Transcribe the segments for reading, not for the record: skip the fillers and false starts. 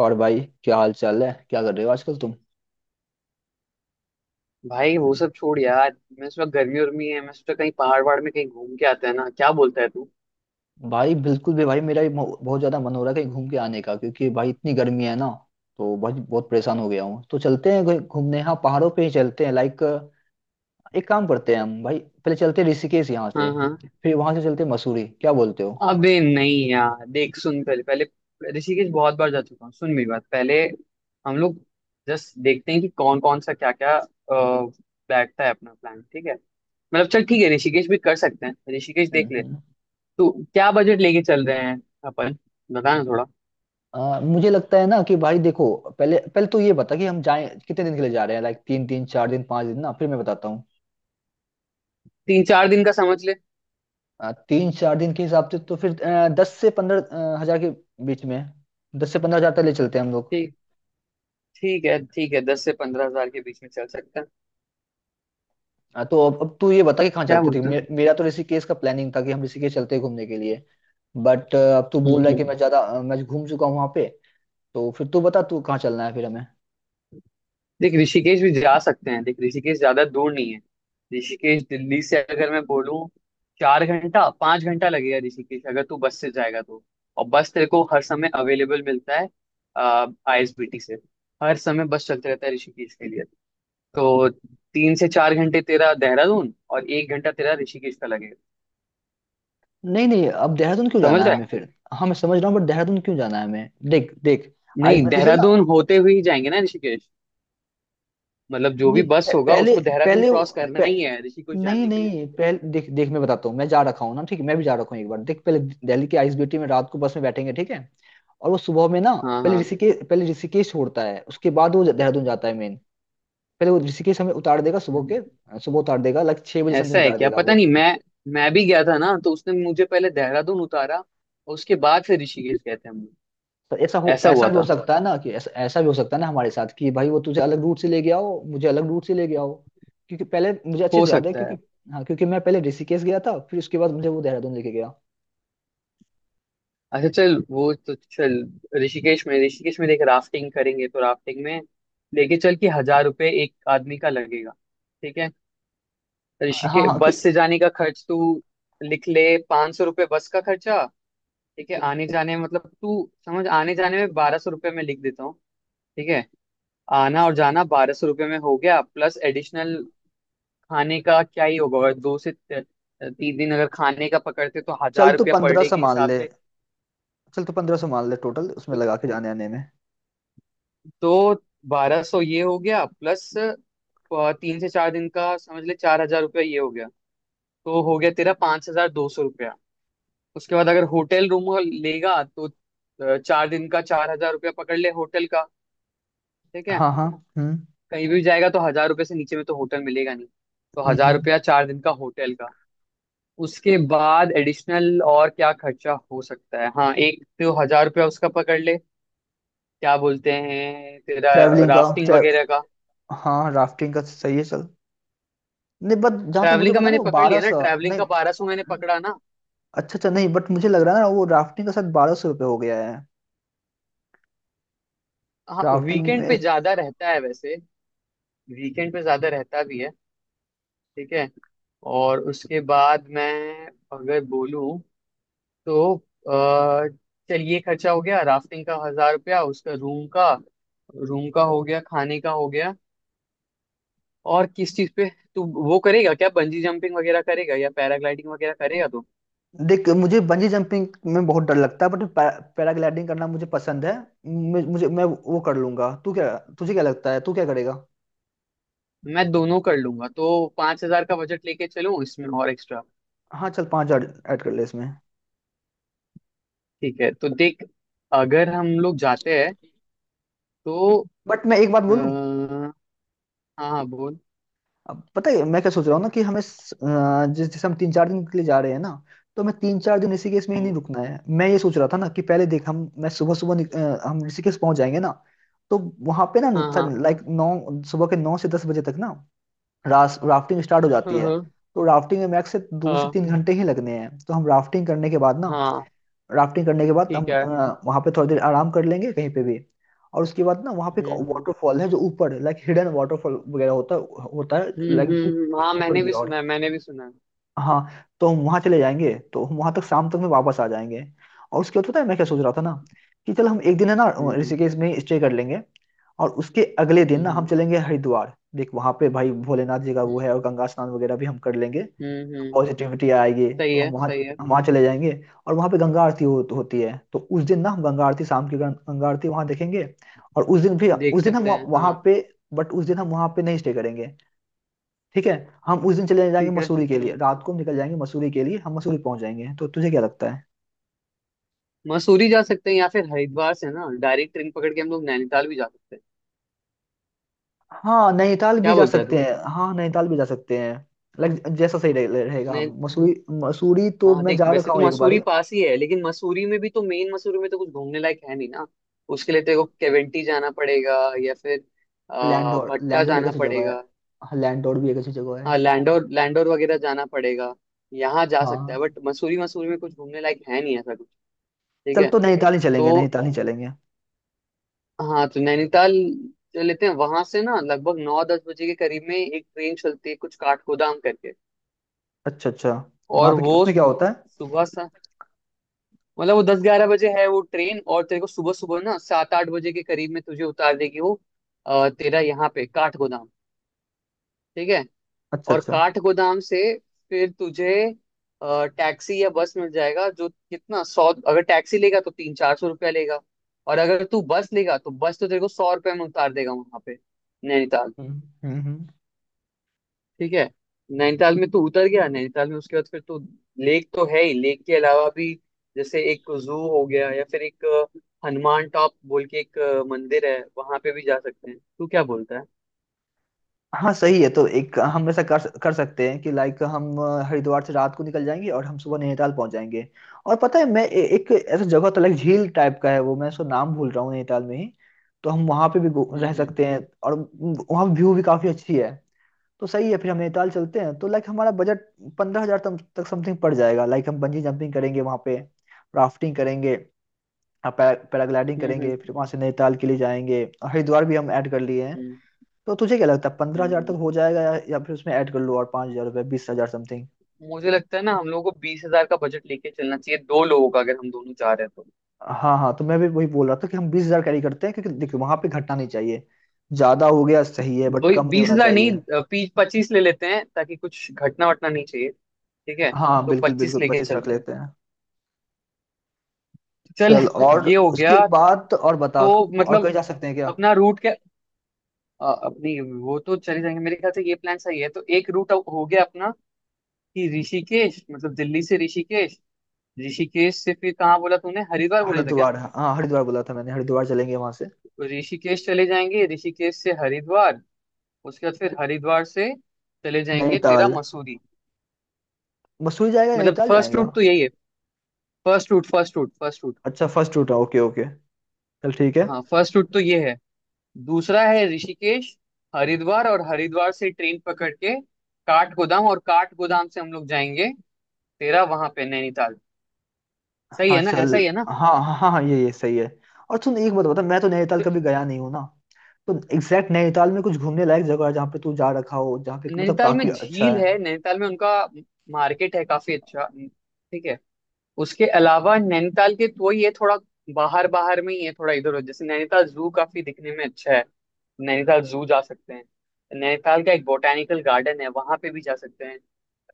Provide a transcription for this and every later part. और भाई, क्या हाल चाल है? क्या कर रहे हो आजकल तुम? भाई वो सब छोड़ यार, मैं इस वक्त गर्मी उर्मी है, मैं सोचा कहीं पहाड़ वहाड़ में कहीं घूम के आते हैं ना, क्या बोलता है तू। भाई बिल्कुल भी भाई मेरा भी बहुत ज्यादा मन हो रहा है कहीं घूम के आने का, क्योंकि भाई इतनी गर्मी है ना। तो भाई बहुत परेशान हो गया हूँ। तो चलते हैं कहीं घूमने। हाँ, पहाड़ों पे ही चलते हैं। लाइक एक काम करते हैं हम भाई, पहले चलते हैं ऋषिकेश यहाँ से, हाँ हाँ। फिर वहां से चलते हैं मसूरी। क्या बोलते हो? अबे नहीं यार, देख सुन, पहले पहले ऋषिकेश बहुत बार जा चुका हूँ, सुन मेरी बात पहले। हम लोग जस्ट देखते हैं कि कौन कौन सा क्या क्या बैठता है अपना प्लान, ठीक है। मतलब चल ठीक है, ऋषिकेश भी कर सकते हैं, ऋषिकेश हम्म देख ले। हम्म। तो क्या बजट लेके चल रहे हैं अपन, बता ना थोड़ा। मुझे लगता है ना कि भाई देखो, पहले पहले तो ये बता कि हम जाए कितने दिन के लिए जा रहे हैं। लाइक 3 दिन, 4 दिन, 5 दिन ना, फिर मैं बताता हूँ। तीन चार दिन का समझ ले। 3 4 दिन के हिसाब से तो फिर 10 से 15 हजार के बीच में, 10 से 15 हजार तक ले चलते हैं हम लोग। ठीक, ठीक है ठीक है, 10 से 15 हज़ार के बीच में चल सकता है। तो अब तू ये बता कि कहाँ क्या चलते थे। बोलते हैं। मेरा तो ऋषिकेश का प्लानिंग था कि हम ऋषिकेश चलते हैं घूमने के लिए, बट अब तू बोल हम्म रहा है कि हम्म। मैं ज्यादा मैं घूम चुका हूँ वहां पे। तो फिर तू बता तू कहाँ चलना है फिर हमें। देख ऋषिकेश भी जा सकते हैं, देख ऋषिकेश ज्यादा दूर नहीं है। ऋषिकेश दिल्ली से अगर मैं बोलूँ, 4 घंटा 5 घंटा लगेगा ऋषिकेश, अगर तू बस से जाएगा तो। और बस तेरे को हर समय अवेलेबल मिलता है आईएसबीटी से, हर समय बस चलते रहता है ऋषिकेश के लिए। तो 3 से 4 घंटे तेरा देहरादून और 1 घंटा तेरा ऋषिकेश का लगेगा। नहीं नहीं, अब देहरादून क्यों जाना समझ है रहा है। हमें फिर? हाँ मैं समझ रहा हूँ, बट देहरादून क्यों जाना है हमें? देख देख। आइस नहीं, पट्टी से ना। देहरादून होते हुए ही जाएंगे ना ऋषिकेश, मतलब जो नहीं, भी बस होगा पहले। उसको देहरादून पहले। क्रॉस करना ही है ऋषिकेश नहीं जाने के लिए। नहीं, पहले देख देख मैं बताता हूँ। मैं जा रखा हूँ ना, ठीक है। मैं भी जा रखा हूँ एक बार। देख, पहले दिल्ली के आइस ब्यूटी में रात को बस में बैठेंगे, ठीक है। और वो सुबह में ना, हाँ पहले हाँ। ऋषिकेश, पहले ऋषिकेश छोड़ता है, उसके बाद वो देहरादून जाता है मेन। पहले वो ऋषिकेश हमें उतार देगा सुबह के, सुबह उतार देगा लाइक 6 बजे ऐसा समथिंग है उतार क्या, देगा पता वो। नहीं, मैं मैं भी गया था ना तो उसने मुझे पहले देहरादून उतारा और उसके बाद फिर ऋषिकेश गए थे हम लोग। तो ऐसा हो, ऐसा ऐसा हुआ भी हो था। सकता है ना, कि ऐसा ऐसा भी हो सकता है ना हमारे साथ, कि भाई वो तुझे अलग रूट से ले गया हो, मुझे अलग रूट से ले गया हो। क्योंकि पहले मुझे अच्छे हो से याद है, सकता है। क्योंकि, हाँ क्योंकि मैं पहले ऋषिकेश गया था फिर उसके बाद मुझे वो देहरादून लेके गया। अच्छा चल, वो तो चल। ऋषिकेश में देख राफ्टिंग करेंगे तो राफ्टिंग में लेके चल के 1000 रुपये एक आदमी का लगेगा। ठीक है। हाँ ऋषिकेश हाँ, बस से जाने का खर्च तू लिख ले, 500 रुपये बस का खर्चा। ठीक है, आने जाने में मतलब तू समझ, आने जाने में 1200 रुपये में लिख देता हूँ। ठीक है, आना और जाना 1200 रुपये में हो गया, प्लस एडिशनल खाने का क्या ही होगा, और 3 दिन अगर खाने का पकड़ते तो चल हजार तू रुपया पर पंद्रह डे सौ के मान हिसाब ले। से। चल तो 1500 मान ले टोटल, उसमें तो लगा के जाने आने में। दो 1200 ये हो गया, प्लस 3 से 4 दिन का समझ ले, 4000 रुपया ये हो गया। तो हो गया तेरा 5200 रुपया। उसके बाद अगर होटल रूम लेगा तो 4 दिन का 4000 रुपया पकड़ ले होटल का। ठीक है। हाँ हाँ। हम्म कहीं भी जाएगा तो 1000 रुपये से नीचे में तो होटल मिलेगा नहीं, तो हजार हम्म। रुपया 4 दिन का होटल का। उसके बाद एडिशनल और क्या खर्चा हो सकता है, हाँ एक तो 1000 रुपया उसका पकड़ ले। क्या बोलते हैं तेरा, ट्रैवलिंग का राफ्टिंग ट्रै वगैरह का। हाँ राफ्टिंग का, सही है चल। नहीं बट जहाँ तो मुझे ट्रैवलिंग का पता ना मैंने वो पकड़ बारह लिया ना, सौ ट्रैवलिंग नहीं, का 1200 मैंने पकड़ा ना। अच्छा अच्छा, नहीं बट मुझे लग रहा है ना वो राफ्टिंग का शायद 1200 रुपये हो गया है। हाँ राफ्टिंग वीकेंड में। पे ज्यादा रहता है वैसे, वीकेंड पे ज्यादा रहता भी है। ठीक है। और उसके बाद मैं अगर बोलूँ तो अ, चलिए खर्चा हो गया राफ्टिंग का, 1000 रुपया उसका, रूम का, रूम का हो गया, खाने का हो गया, और किस चीज पे तू वो करेगा, क्या बंजी जंपिंग वगैरह करेगा या पैराग्लाइडिंग वगैरह करेगा तो। देख मुझे बंजी जंपिंग में बहुत डर लगता है, बट पैराग्लाइडिंग करना मुझे पसंद है। मुझे, मैं वो कर लूंगा। तू क्या, तुझे क्या लगता है, तू क्या करेगा? मैं दोनों कर लूंगा, तो 5000 का बजट लेके चलूं इसमें और एक्स्ट्रा। हाँ चल, 5 हजार ऐड कर ले इसमें। ठीक है तो देख, अगर हम लोग जाते हैं तो। बट मैं एक बात बोलूँ? हाँ, हाँ बोल। अब पता है मैं क्या सोच रहा हूँ ना, कि हमें जिस जैसे हम 3 4 दिन के लिए जा रहे हैं ना, तो हमें 3 4 दिन ऋषिकेश में ही नहीं हम्म, रुकना है। मैं ये सोच रहा था ना, कि पहले देख, हम मैं सुबह सुबह हम ऋषिकेश पहुंच जाएंगे ना। तो वहां पे ना, हाँ हाँ। लाइक नौ, सुबह के 9 से 10 बजे तक ना, रास राफ्टिंग स्टार्ट हो जाती हाँ है। हाँ। तो राफ्टिंग में मैक्स से दो से हाँ तीन घंटे ही लगने हैं। तो हम राफ्टिंग करने के बाद ना, हाँ, राफ्टिंग करने के बाद हम ठीक है। वहां पे थोड़ी देर आराम कर लेंगे कहीं पे भी। और उसके बाद ना वहां पे एक हम्म हम्म वाटरफॉल है जो ऊपर लाइक हिडन वाटरफॉल वगैरह होता होता है, लाइक हाँ ऊपर मैंने की भी ओर। सुना है, मैंने भी सुना है। हाँ, तो हम वहां चले जाएंगे, तो हम वहां तक शाम तक में वापस आ जाएंगे। और उसके बाद पता है मैं क्या सोच रहा था ना, कि चल हम एक दिन है ना, हम्म ऋषिकेश में स्टे कर लेंगे। और उसके अगले हम्म दिन ना हम हम्म चलेंगे हरिद्वार। देख वहां पे भाई भोलेनाथ जी का वो है, और हम्म गंगा स्नान वगैरह भी हम कर लेंगे। हम्म, हम्म, हम्म, पॉजिटिविटी आएगी, सही तो हम है वहाँ, सही है। हम वहाँ चले जाएंगे। और वहाँ पे गंगा आरती होती है। तो उस दिन ना हम गंगा आरती शाम की गंगा आरती वहाँ देखेंगे। और उस दिन भी, देख उस दिन हम सकते वहाँ हैं वहाँ हाँ। पे बट उस दिन हम वहाँ पे नहीं स्टे करेंगे, ठीक है। हम उस दिन चले जाएंगे ठीक है। मसूरी के लिए। हम्म। रात को हम निकल जाएंगे मसूरी के लिए, हम मसूरी पहुंच जाएंगे। तो तुझे क्या लगता है? मसूरी जा सकते हैं या फिर हरिद्वार से ना डायरेक्ट ट्रेन पकड़ के हम लोग नैनीताल भी जा सकते हैं। हाँ नैनीताल भी क्या जा बोलता है सकते तू। हैं, हाँ नैनीताल भी जा सकते हैं। लाइक जैसा सही रहेगा, नै हम मसूरी। मसूरी तो हाँ मैं देख, जा वैसे रखा तो हूँ एक मसूरी बारी। पास ही है, लेकिन मसूरी में भी तो, मेन मसूरी में तो कुछ घूमने लायक है नहीं ना। उसके लिए तेरे को केवेंटी जाना पड़ेगा, या फिर लैंडोर, भट्टा लैंडोर एक जाना अच्छी जगह पड़ेगा। है, लैंडोर भी एक अच्छी जगह हाँ है। लैंडोर, लैंडोर वगैरह जाना पड़ेगा, यहाँ जा सकता है, हाँ बट मसूरी, मसूरी में कुछ घूमने लायक है नहीं ऐसा कुछ। ठीक चल, है। तो नैनीताल ही तो चलेंगे, नैनीताल ही चलेंगे। हाँ, तो नैनीताल जो लेते हैं वहां से ना, लगभग 9-10 बजे के करीब में एक ट्रेन चलती है कुछ काठगोदाम करके। अच्छा अच्छा, वहां और पे वो उसमें क्या होता है? सुबह सा, मतलब वो 10-11 बजे है वो ट्रेन, और तेरे को सुबह सुबह ना 7-8 बजे के करीब में तुझे उतार देगी वो, तेरा यहाँ पे काठ गोदाम। ठीक है। अच्छा और अच्छा। काठ गोदाम से फिर तुझे टैक्सी या बस मिल जाएगा, जो कितना सौ, अगर टैक्सी लेगा तो 300-400 रुपया लेगा, और अगर तू बस लेगा तो बस तो तेरे को 100 रुपये में उतार देगा वहां पे, नैनीताल। हम्म हम्म हम्म। ठीक है। नैनीताल में तू उतर गया, नैनीताल में उसके बाद फिर तू, लेक तो है ही, लेक के अलावा भी जैसे एक जू हो गया, या फिर एक हनुमान टॉप बोल के एक मंदिर है, वहां पे भी जा सकते हैं, तू क्या बोलता है। हाँ सही है। तो एक हम ऐसा कर कर सकते हैं कि लाइक हम हरिद्वार से रात को निकल जाएंगे और हम सुबह नैनीताल पहुंच जाएंगे। और पता है मैं एक ऐसा जगह तो लाइक झील टाइप का है वो, मैं उसका नाम भूल रहा हूँ, नैनीताल में ही। तो हम वहां पे भी रह हम्म सकते हैं। और वहाँ व्यू भी काफी अच्छी है। तो सही है, फिर हम नैनीताल चलते हैं। तो लाइक हमारा बजट 15 हजार तक समथिंग पड़ जाएगा। लाइक हम बंजी जंपिंग करेंगे वहां पे, राफ्टिंग करेंगे, आप पैरा पैराग्लाइडिंग हम्म करेंगे, फिर हम्म वहां से नैनीताल के लिए जाएंगे, और हरिद्वार भी हम ऐड कर लिए हैं। हम्म तो तुझे क्या लगता है पंद्रह हम्म, हजार हम्म। तक हो जाएगा, या फिर उसमें ऐड कर लो और 5 हजार रुपये, 20 हजार समथिंग? मुझे लगता है ना हम लोगों को 20 हज़ार का बजट लेके चलना चाहिए, दो लोगों का, अगर हम दोनों जा रहे हैं तो। हाँ हाँ, तो मैं भी वही बोल रहा था कि हम 20 हजार कैरी करते हैं, क्योंकि देखो वहां पे घटना नहीं चाहिए। ज्यादा हो गया सही है, बट वही कम नहीं बीस होना हजार नहीं, चाहिए। 20-25 ले लेते हैं, ताकि कुछ घटना वटना नहीं चाहिए। ठीक है, हाँ तो बिल्कुल 25 बिल्कुल, लेके 25 रख चलते हैं, लेते हैं। चल। चल और ये हो उसके गया। बाद तो और बता, तो और मतलब कहीं जा सकते हैं क्या? अपना रूट, अपनी वो तो चले जाएंगे, मेरे ख्याल से ये प्लान सही है। तो एक रूट हो गया अपना कि ऋषिकेश, मतलब दिल्ली से ऋषिकेश, ऋषिकेश से फिर कहाँ बोला तूने, हरिद्वार बोला था क्या। हरिद्वार, हाँ हरिद्वार बोला था मैंने, हरिद्वार चलेंगे वहां से। तो ऋषिकेश चले जाएंगे, ऋषिकेश से हरिद्वार, उसके बाद फिर हरिद्वार से चले जाएंगे तेरा नैनीताल। मसूरी। मसूरी जाएगा, मतलब नैनीताल फर्स्ट जाएगा। रूट तो यही है, first route, first route, first route. अच्छा फर्स्ट रूट है, ओके ओके चल ठीक है। हाँ फर्स्ट रूट तो ये है। दूसरा है ऋषिकेश, हरिद्वार, और हरिद्वार से ट्रेन पकड़ के काठगोदाम, और काठगोदाम से हम लोग जाएंगे तेरा वहां पे नैनीताल। सही हाँ है ना, चल। ऐसा ही है ना। हाँ हाँ हाँ हाँ, ये सही है। और सुन एक बात बता, मैं तो नैनीताल तो कभी गया नहीं हूँ ना। तो एग्जैक्ट नैनीताल में कुछ घूमने लायक जगह है जहाँ पे तू जा रखा हो, जहाँ पे मतलब नैनीताल काफी में अच्छा झील है? है, नैनीताल में उनका मार्केट है काफी अच्छा। ठीक है। उसके अलावा नैनीताल के तो ये थोड़ा बाहर बाहर में ही है, थोड़ा इधर उधर जैसे, नैनीताल जू काफी दिखने में अच्छा है, नैनीताल जू जा सकते हैं। नैनीताल का एक बोटेनिकल गार्डन है, वहां पे भी जा सकते हैं।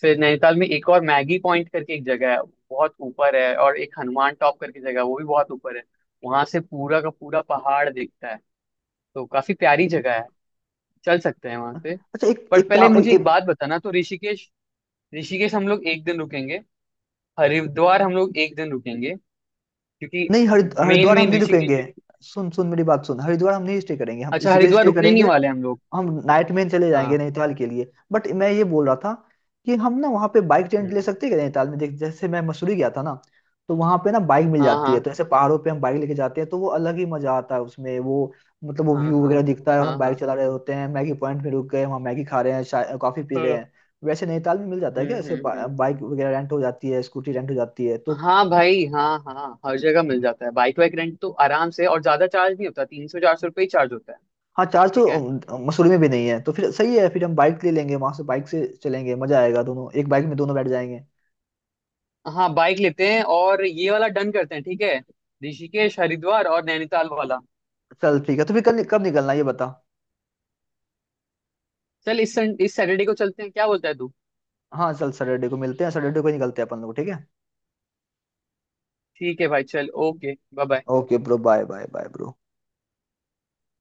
फिर नैनीताल में एक और मैगी पॉइंट करके एक जगह है, बहुत ऊपर है, और एक हनुमान टॉप करके जगह है, वो भी बहुत ऊपर है, वहां से पूरा का पूरा पहाड़ दिखता है, तो काफी प्यारी जगह है, चल सकते हैं वहां से। अच्छा एक पर एक पहले काम मुझे एक एक। बात बताना, तो ऋषिकेश, ऋषिकेश हम लोग 1 दिन रुकेंगे, हरिद्वार हम लोग एक दिन रुकेंगे, क्योंकि नहीं मेन हरिद्वार हम मेन नहीं रुकेंगे। ऋषिकेश। सुन सुन मेरी बात सुन, हरिद्वार हम नहीं स्टे करेंगे, हम अच्छा, ऋषिकेश हरिद्वार स्टे रुकने नहीं करेंगे। वाले हम लोग। हम नाइट में चले जाएंगे हाँ। नैनीताल के लिए। बट मैं ये बोल रहा था कि हम ना वहाँ पे बाइक रेंट ले हम्म, सकते हैं क्या नैनीताल में? देख जैसे मैं मसूरी गया था ना, तो वहाँ पे ना बाइक मिल हाँ जाती है। हाँ तो ऐसे पहाड़ों पे हम बाइक लेके जाते हैं तो वो अलग ही मजा आता है उसमें वो, मतलब वो हाँ। व्यू हाँ वगैरह दिखता है और हाँ हम बाइक हाँ चला रहे होते हैं, मैगी पॉइंट में रुक गए वहाँ, मैगी खा रहे हैं, चाय कॉफी पी रहे हाँ। हैं। वैसे नैनीताल में मिल जाता है क्या ऐसे हम्म। बाइक वगैरह रेंट हो जाती है, स्कूटी रेंट हो जाती है तो? हाँ भाई, हाँ हाँ, हर जगह मिल जाता है बाइक वाइक रेंट तो आराम से, और ज्यादा चार्ज नहीं होता, 300-400 रुपये ही चार्ज होता है। हाँ चार्ज तो ठीक है, मसूरी में भी नहीं है। तो फिर सही है, फिर हम बाइक ले लेंगे वहां से, बाइक से चलेंगे मजा आएगा, दोनों एक बाइक में दोनों बैठ जाएंगे। हाँ बाइक लेते हैं और ये वाला डन करते हैं, ठीक है, ऋषिकेश हरिद्वार और नैनीताल वाला। चल ठीक है, तो फिर कल कब निकलना है ये बता। चल इस सैटरडे को चलते हैं, क्या बोलता है तू। हाँ चल, सैटरडे को मिलते हैं, सैटरडे को ही निकलते हैं अपन लोग ठीक है। ठीक है भाई चल, okay bye bye. Okay bro bye bye bye bro.